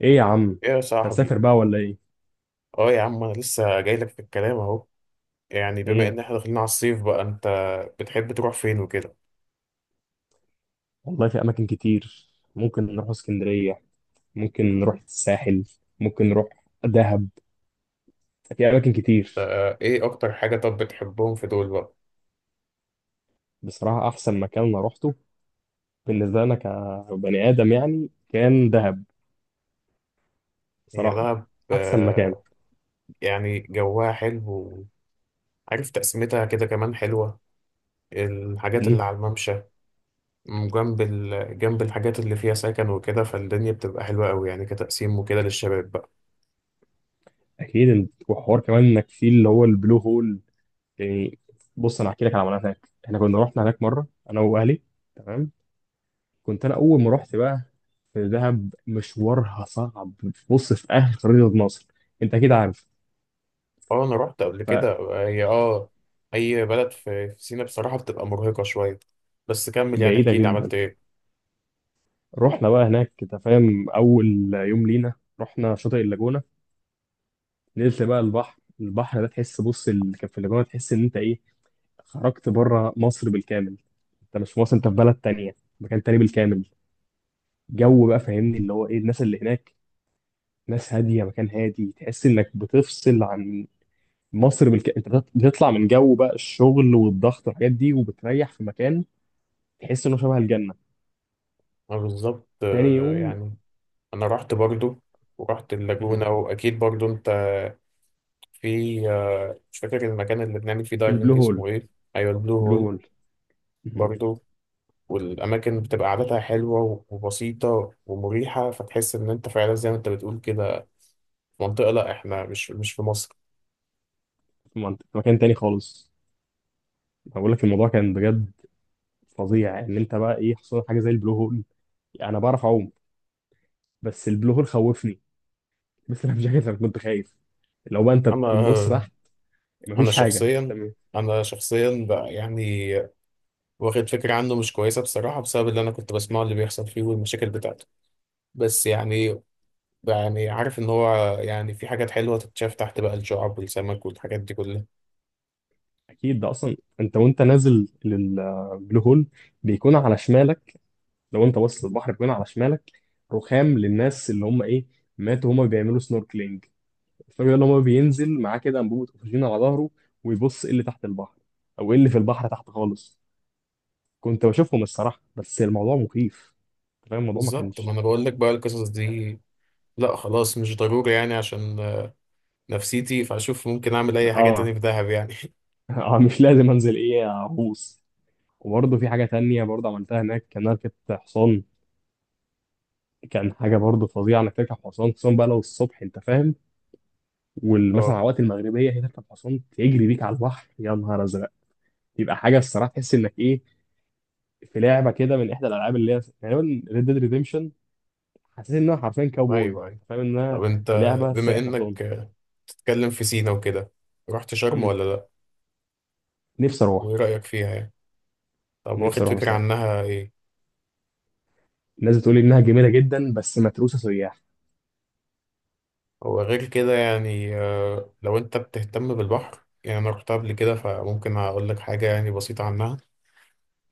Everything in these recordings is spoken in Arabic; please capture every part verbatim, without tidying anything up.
ايه يا عم. ايه يا مش صاحبي. هنسافر بقى ولا ايه؟ اه يا عم، انا لسه جاي لك في الكلام اهو. يعني بما ايه ان احنا داخلين على الصيف بقى، انت بتحب تروح فين وكده؟ والله، في اماكن كتير. ممكن نروح اسكندرية، ممكن نروح الساحل، ممكن نروح دهب. في اماكن آه، كتير. آه، ايه اكتر حاجة طب بتحبهم في دول بقى؟ بصراحة احسن مكان انا روحته بالنسبة لنا كبني ادم يعني كان دهب. هي بصراحة دهب، احسن مكان. آه، يعني جواها حلو، وعارف تقسيمتها كده كمان حلوة. الحاجات اللي مم. على الممشى، م- جنب ال... جنب الحاجات اللي فيها سكن وكده، فالدنيا بتبقى حلوة قوي يعني كتقسيم وكده للشباب بقى. اكيد إن- وحوار كمان انك في اللي هو البلو هول يعني. بص، انا هحكي لك على عملنا هناك، احنا كنا رحنا هناك مرة انا واهلي. تمام، كنت انا اول ما رحت بقى في دهب مشوارها صعب. بص، في اهل خريطة مصر انت اكيد عارف، اه انا رحت قبل كده. هي اه، اي بلد في في سينا بصراحه بتبقى مرهقه شويه. بس كمل يعني، فبعيدة احكي لي جدا. عملت ايه. رحنا بقى هناك، انت فاهم، اول يوم لينا رحنا شاطئ اللاجونة. نزلت بقى البحر البحر ده تحس، بص اللي كان في اللاجونة تحس ان انت ايه، خرجت بره مصر بالكامل. انت مش في مصر، انت في بلد تانية، مكان تاني بالكامل. جو بقى، فاهمني، اللي هو ايه، الناس اللي هناك ناس هادية، مكان هادي، تحس انك بتفصل عن مصر بالك... انت بت- بتطلع من جو بقى الشغل والضغط والحاجات دي وبتريح في مكان تحس انه شبه الجنه. انا بالظبط، تاني آه، يوم. يعني انا رحت برضو، ورحت مه. اللاجونه، واكيد برضو انت في، آه، مش فاكر المكان اللي بنعمل فيه البلو دايفنج هول. اسمه ايه. ايوه، البلو بلو هول. هول. مه. برضو، والاماكن بتبقى قعدتها حلوه وبسيطه ومريحه، فتحس ان انت فعلا زي ما انت بتقول كده، في منطقه، لا احنا مش مش في مصر. في منطقة، في مكان تاني خالص. أنا بقول لك الموضوع كان بجد فظيع، ان انت بقى ايه حصل لك حاجه زي البلو هول. انا بعرف اعوم بس البلو هول خوفني. بس انا مش عارف، انا كنت خايف لو بقى انت بتبص انا تحت انا مفيش حاجه، انت شخصيا، م- انا شخصيا بقى يعني واخد فكرة عنه مش كويسة بصراحة، بسبب اللي أنا كنت بسمعه اللي بيحصل فيه والمشاكل بتاعته. بس يعني، يعني عارف إن هو يعني في حاجات حلوة تتشاف تحت بقى، الشعب والسمك والحاجات دي كلها. اكيد ده اصلا انت وانت نازل للبلو هول بيكون على شمالك. لو انت باصص للبحر كمان على شمالك، رخام للناس اللي هم ايه ماتوا، هم بيعملوا سنوركلينج. الفرق ان هو بينزل معاه كده انبوبه اكسجين على ظهره ويبص ايه اللي تحت البحر، او ايه اللي في البحر تحت خالص. كنت بشوفهم الصراحه، بس الموضوع مخيف. أنت فاهم الموضوع ما بالظبط، ما كانش أنا بقول لك بقى القصص دي. لا خلاص، مش ضروري يعني، عشان آه، نفسيتي، فأشوف ممكن أعمل أي حاجة تاني اه. في دهب يعني اه، مش لازم انزل ايه اغوص. وبرضه في حاجه تانية برضه عملتها هناك، كان ركبت حصان. كان حاجه برضه فظيعه انك تركب حصان، خصوصا بقى لو الصبح، انت فاهم. ومثلا أه، على وقت المغربيه هي تركب حصان تجري بيك على البحر، يا نهار ازرق. يبقى حاجه الصراحه تحس انك ايه، في لعبه كده من احدى الالعاب اللي هي غالبا ريد ديد ريديمشن. حسيت انها حرفيا كاوبوي، أيوه أيوه. فاهم طب انها أنت، في لعبه بما سايق حصان. إنك آه، تتكلم في سينا وكده، رحت شرم مم. ولا لأ؟ نفسي اروح وإيه رأيك فيها يعني؟ طب نفسي واخد اروح فكرة بصراحه. عنها إيه؟ الناس بتقول انها جميله جدا بس متروسه سياح. وغير كده يعني، آه، لو انت بتهتم بالبحر يعني، انا رحت قبل كده فممكن اقول لك حاجة يعني بسيطة عنها.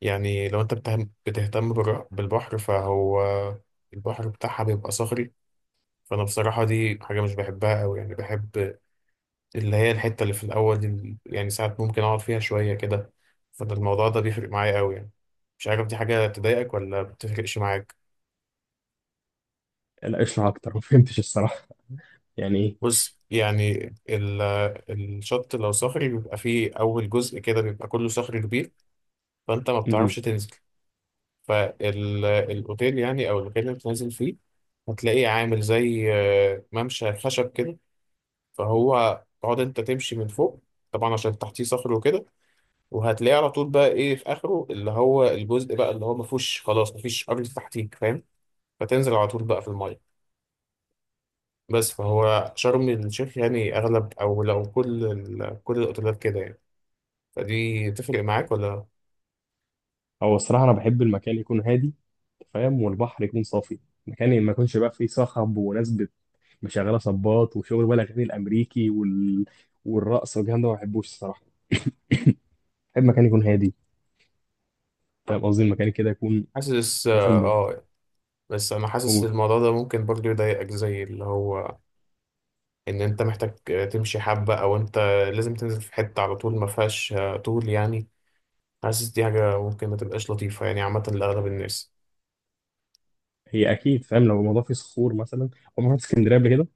يعني لو انت بتهم- بتهتم بالر- بالبحر، فهو البحر بتاعها بيبقى صخري. فانا بصراحة دي حاجة مش بحبها قوي، يعني بحب اللي هي الحتة اللي في الاول، ال- يعني ساعات ممكن اقعد فيها شوية كده. فده الموضوع ده بيفرق معايا قوي يعني. مش عارف دي حاجة تضايقك ولا بتفرقش معاك. لا، اشرح اكتر. ما فهمتش الصراحه، يعني ايه؟ بص يعني، ال- الشط لو صخري بيبقى فيه أول جزء كده بيبقى كله صخر كبير، فانت ما بتعرفش مم. تنزل. فالاوتيل يعني، او المكان اللي بتنزل فيه، هتلاقيه عامل زي آه، ممشى خشب كده، فهو تقعد انت تمشي من فوق، طبعا عشان تحتيه صخر وكده. وهتلاقيه على طول بقى ايه، في اخره اللي هو الجزء بقى اللي هو ما فيهوش خلاص، ما فيش ارض تحتيك فاهم، فتنزل على طول بقى في الميه. بس فهو شرم الشيخ يعني اغلب، او لو كل ال- كل الاوتيلات كده يعني. فدي تفرق معاك ولا؟ هو الصراحه انا بحب المكان يكون هادي، فاهم، والبحر يكون صافي. مكان ما يكونش بقى فيه صخب وناس بت- مشغله صباط وشغل بقى الاغاني الامريكي وال... والرقص والكلام ده ما بحبوش الصراحه. بحب مكان يكون هادي، فاهم قصدي، المكان كده يكون حاسس مثلا اه، ب- آه، بس انا حاسس أو- ان الموضوع ده ممكن برضه يضايقك، زي اللي هو ان انت محتاج تمشي حبة، او انت لازم تنزل في حتة على طول ما فيهاش آه، طول يعني. حاسس دي حاجة ممكن ما تبقاش لطيفة يعني عامة لأغلب الناس. هي اكيد، فاهم، لو الموضوع فيه صخور مثلا. عمرك رحت اسكندريه قبل كده؟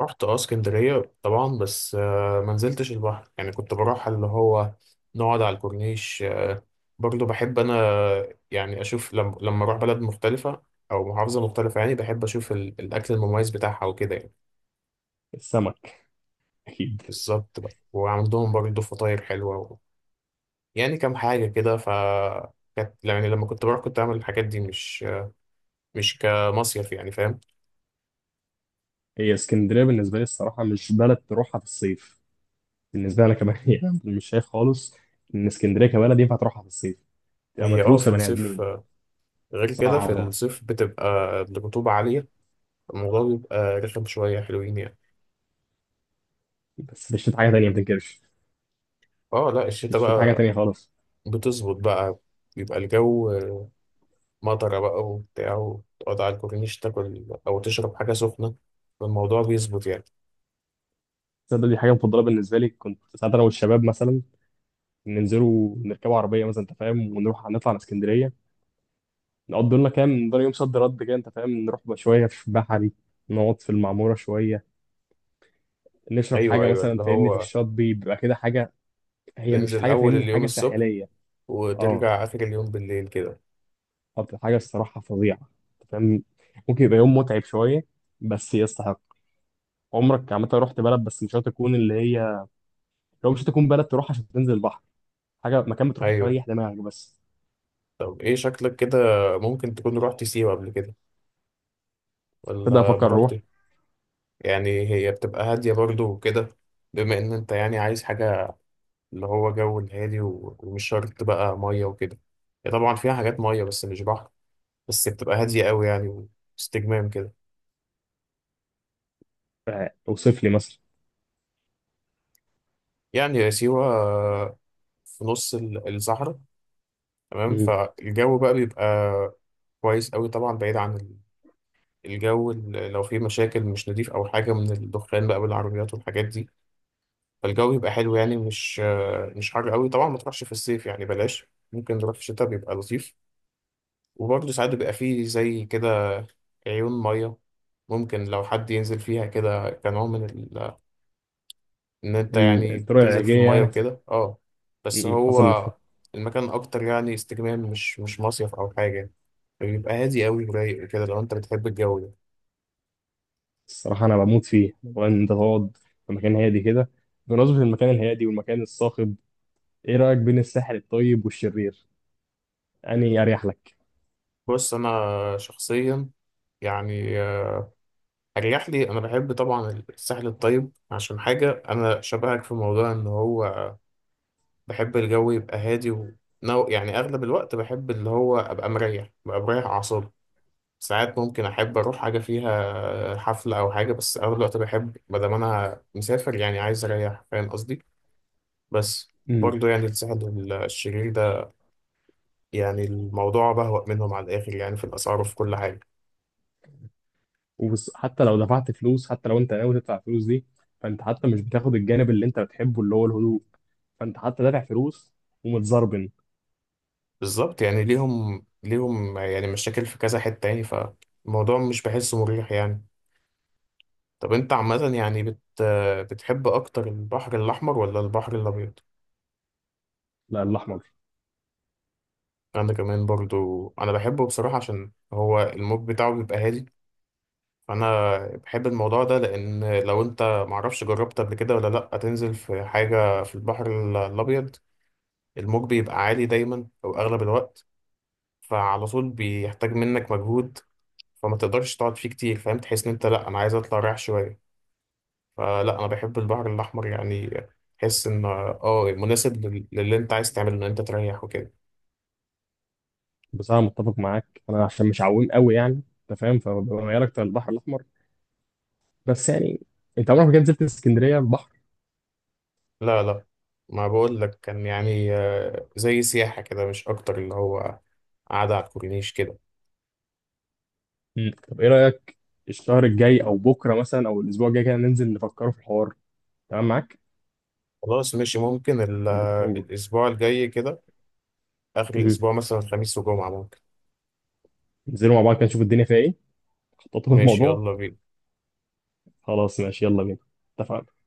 رحت اه اسكندرية طبعا، بس آه، ما نزلتش البحر يعني، كنت بروح اللي هو نقعد على الكورنيش. آه، برضه بحب انا يعني اشوف لما لما اروح بلد مختلفة، او محافظة مختلفة يعني، بحب اشوف ال- الاكل المميز بتاعها وكده يعني. السمك اكيد. بالظبط بقى، وعندهم برضه فطاير حلوة، يعني كام حاجة كده. ف كانت يعني لما كنت بروح، كنت أعمل الحاجات دي مش مش كمصيف يعني، فاهم. هي اسكندريه بالنسبه لي الصراحه مش بلد تروحها في الصيف، بالنسبه لي انا كمان، يعني مش شايف خالص ان اسكندريه كبلد ينفع تروحها في الصيف، تبقى هي اه في متروسه بني الصيف، ادمين. غير كده في صعبه. الصيف بتبقى الرطوبة عالية، الموضوع بيبقى رخم شوية حلوين يعني. بس في الشتاء حاجه تانيه ما تنكرش. اه لا، في الشتا الشتاء حاجه بقى تانيه خالص. بتظبط بقى. بيبقى الجو مطرة بقى وبتاع، وتقعد على الكورنيش تاكل أو تشرب حاجة سخنة، فالموضوع بيظبط يعني. تصدق دي حاجه مفضله بالنسبه لي، كنت ساعات انا والشباب مثلا ننزلوا نركبوا عربيه مثلا، انت فاهم، ونروح نطلع على اسكندريه. نقضي لنا كام، نقضي يوم صد رد كده، انت فاهم، نروح بقى شويه في بحري، نقعد في المعموره شويه، نشرب أيوه حاجه أيوه، مثلا، اللي فاهمني، في هو الشاطبي بيبقى كده حاجه. هي مش تنزل حاجه، أول فاهمني، اليوم حاجه الصبح، ساحليه. اه. وترجع آخر اليوم بالليل كده. طب حاجه الصراحه فظيعه، انت فاهم، ممكن يبقى يوم متعب شويه بس يستحق. عمرك عامه رحت بلد بس مش هتكون اللي هي، لو مش هتكون بلد تروح عشان تنزل البحر، حاجه، مكان بتروح أيوه. تريح دماغك بس. طب ايه شكلك كده، ممكن تكون رحت سيوة قبل كده، تبدا ولا ما افكر رحت؟ روح. يعني هي بتبقى هادية برضو وكده، بما ان انت يعني عايز حاجة اللي هو جو الهادي، و- ومش شرط بقى مية وكده. هي طبعا فيها حاجات مية، بس مش بحر. بس بتبقى هادية قوي يعني، واستجمام كده. آه، اوصف لي مثلا. يعني يا سيوة في نص ال- الصحراء تمام. مم. فالجو بقى بيبقى كويس قوي، طبعا بعيد عن ال- الجو ال- لو فيه مشاكل مش نضيف او حاجة، من الدخان بقى بالعربيات والحاجات دي. فالجو يبقى حلو يعني، مش مش حر قوي. طبعا ما تروحش في الصيف يعني بلاش، ممكن نروح في الشتاء بيبقى لطيف. وبرضه ساعات بيبقى فيه زي كده عيون مية، ممكن لو حد ينزل فيها كده كنوع من ال... ان انت ال- يعني الطرق بتنزل في العلاجيه المية يعني، حسب وكده، اه. بس حسب ما هو فهمت. المكان اكتر يعني استجمام، مش مش مصيف او حاجة. بيبقى هادي قوي ورايق وكده، لو انت بتحب الجو ده. الصراحة أنا بموت فيه، وإن أنت تقعد في مكان هادي كده. بمناسبة المكان الهادي والمكان الصاخب، إيه رأيك بين الساحل الطيب والشرير؟ أنهي أريح لك؟ بص انا شخصيا يعني، اريح لي انا بحب طبعا الساحل الطيب، عشان حاجه انا شبهك في موضوع ان هو بحب الجو يبقى هادي و... نو- يعني اغلب الوقت بحب اللي هو ابقى مريح، ابقى مريح اعصابي. ساعات ممكن احب اروح حاجه فيها حفله او حاجه، بس اغلب الوقت بحب ما دام انا مسافر يعني عايز اريح، فاهم قصدي. بس امم برضه يعني الساحل الشرير ده يعني الموضوع بهوأ منهم على الاخر يعني، في الاسعار وفي كل حاجه. وحتى لو دفعت فلوس، حتى لو أنت ناوي تدفع فلوس دي، فأنت حتى مش بتاخد الجانب اللي أنت بتحبه اللي هو الهدوء، فأنت حتى دافع فلوس، ومتزربن. بالظبط، يعني ليهم ليهم يعني مشاكل في كذا حتة يعني، فالموضوع مش بحسه مريح يعني. طب انت عامة يعني بت بتحب اكتر البحر الاحمر ولا البحر الابيض؟ لا، الأحمر. انا كمان برضو، انا بحبه بصراحة عشان هو الموج بتاعه بيبقى هادي. فانا بحب الموضوع ده، لان لو انت، معرفش جربت قبل كده ولا لا، تنزل في حاجة في البحر ال- الابيض، الموج بيبقى عالي دايما او اغلب الوقت، فعلى طول بيحتاج منك مجهود، فما تقدرش تقعد فيه كتير، فاهم، تحس ان انت لا، انا عايز اطلع رايح شويه. فلا، انا بحب البحر الاحمر يعني، تحس ان اه مناسب لل- للي انت عايز تعمله، ان انت تريح وكده. بصراحة متفق معاك أنا، عشان مش عويم قوي يعني، أنت فاهم، فببقى ميال أكتر للبحر الأحمر. بس يعني أنت عمرك ما كنت نزلت اسكندرية؟ لا لا، ما بقول لك كان يعني آه، زي سياحه كده مش اكتر، اللي هو قاعده على الكورنيش كده. مم. طب ايه رأيك، الشهر الجاي او بكره مثلا او الاسبوع الجاي كده ننزل نفكروا في الحوار؟ تمام معاك؟ خلاص ماشي، ممكن ال- نبقى آه، تخرجوا. الاسبوع الجاي كده، اخر مم. الاسبوع مثلا خميس وجمعه ممكن. ننزلوا مع بعض كده نشوف الدنيا فيها ايه، نخططوا ماشي الموضوع. يلا بينا. خلاص ماشي، يلا بينا. اتفقنا.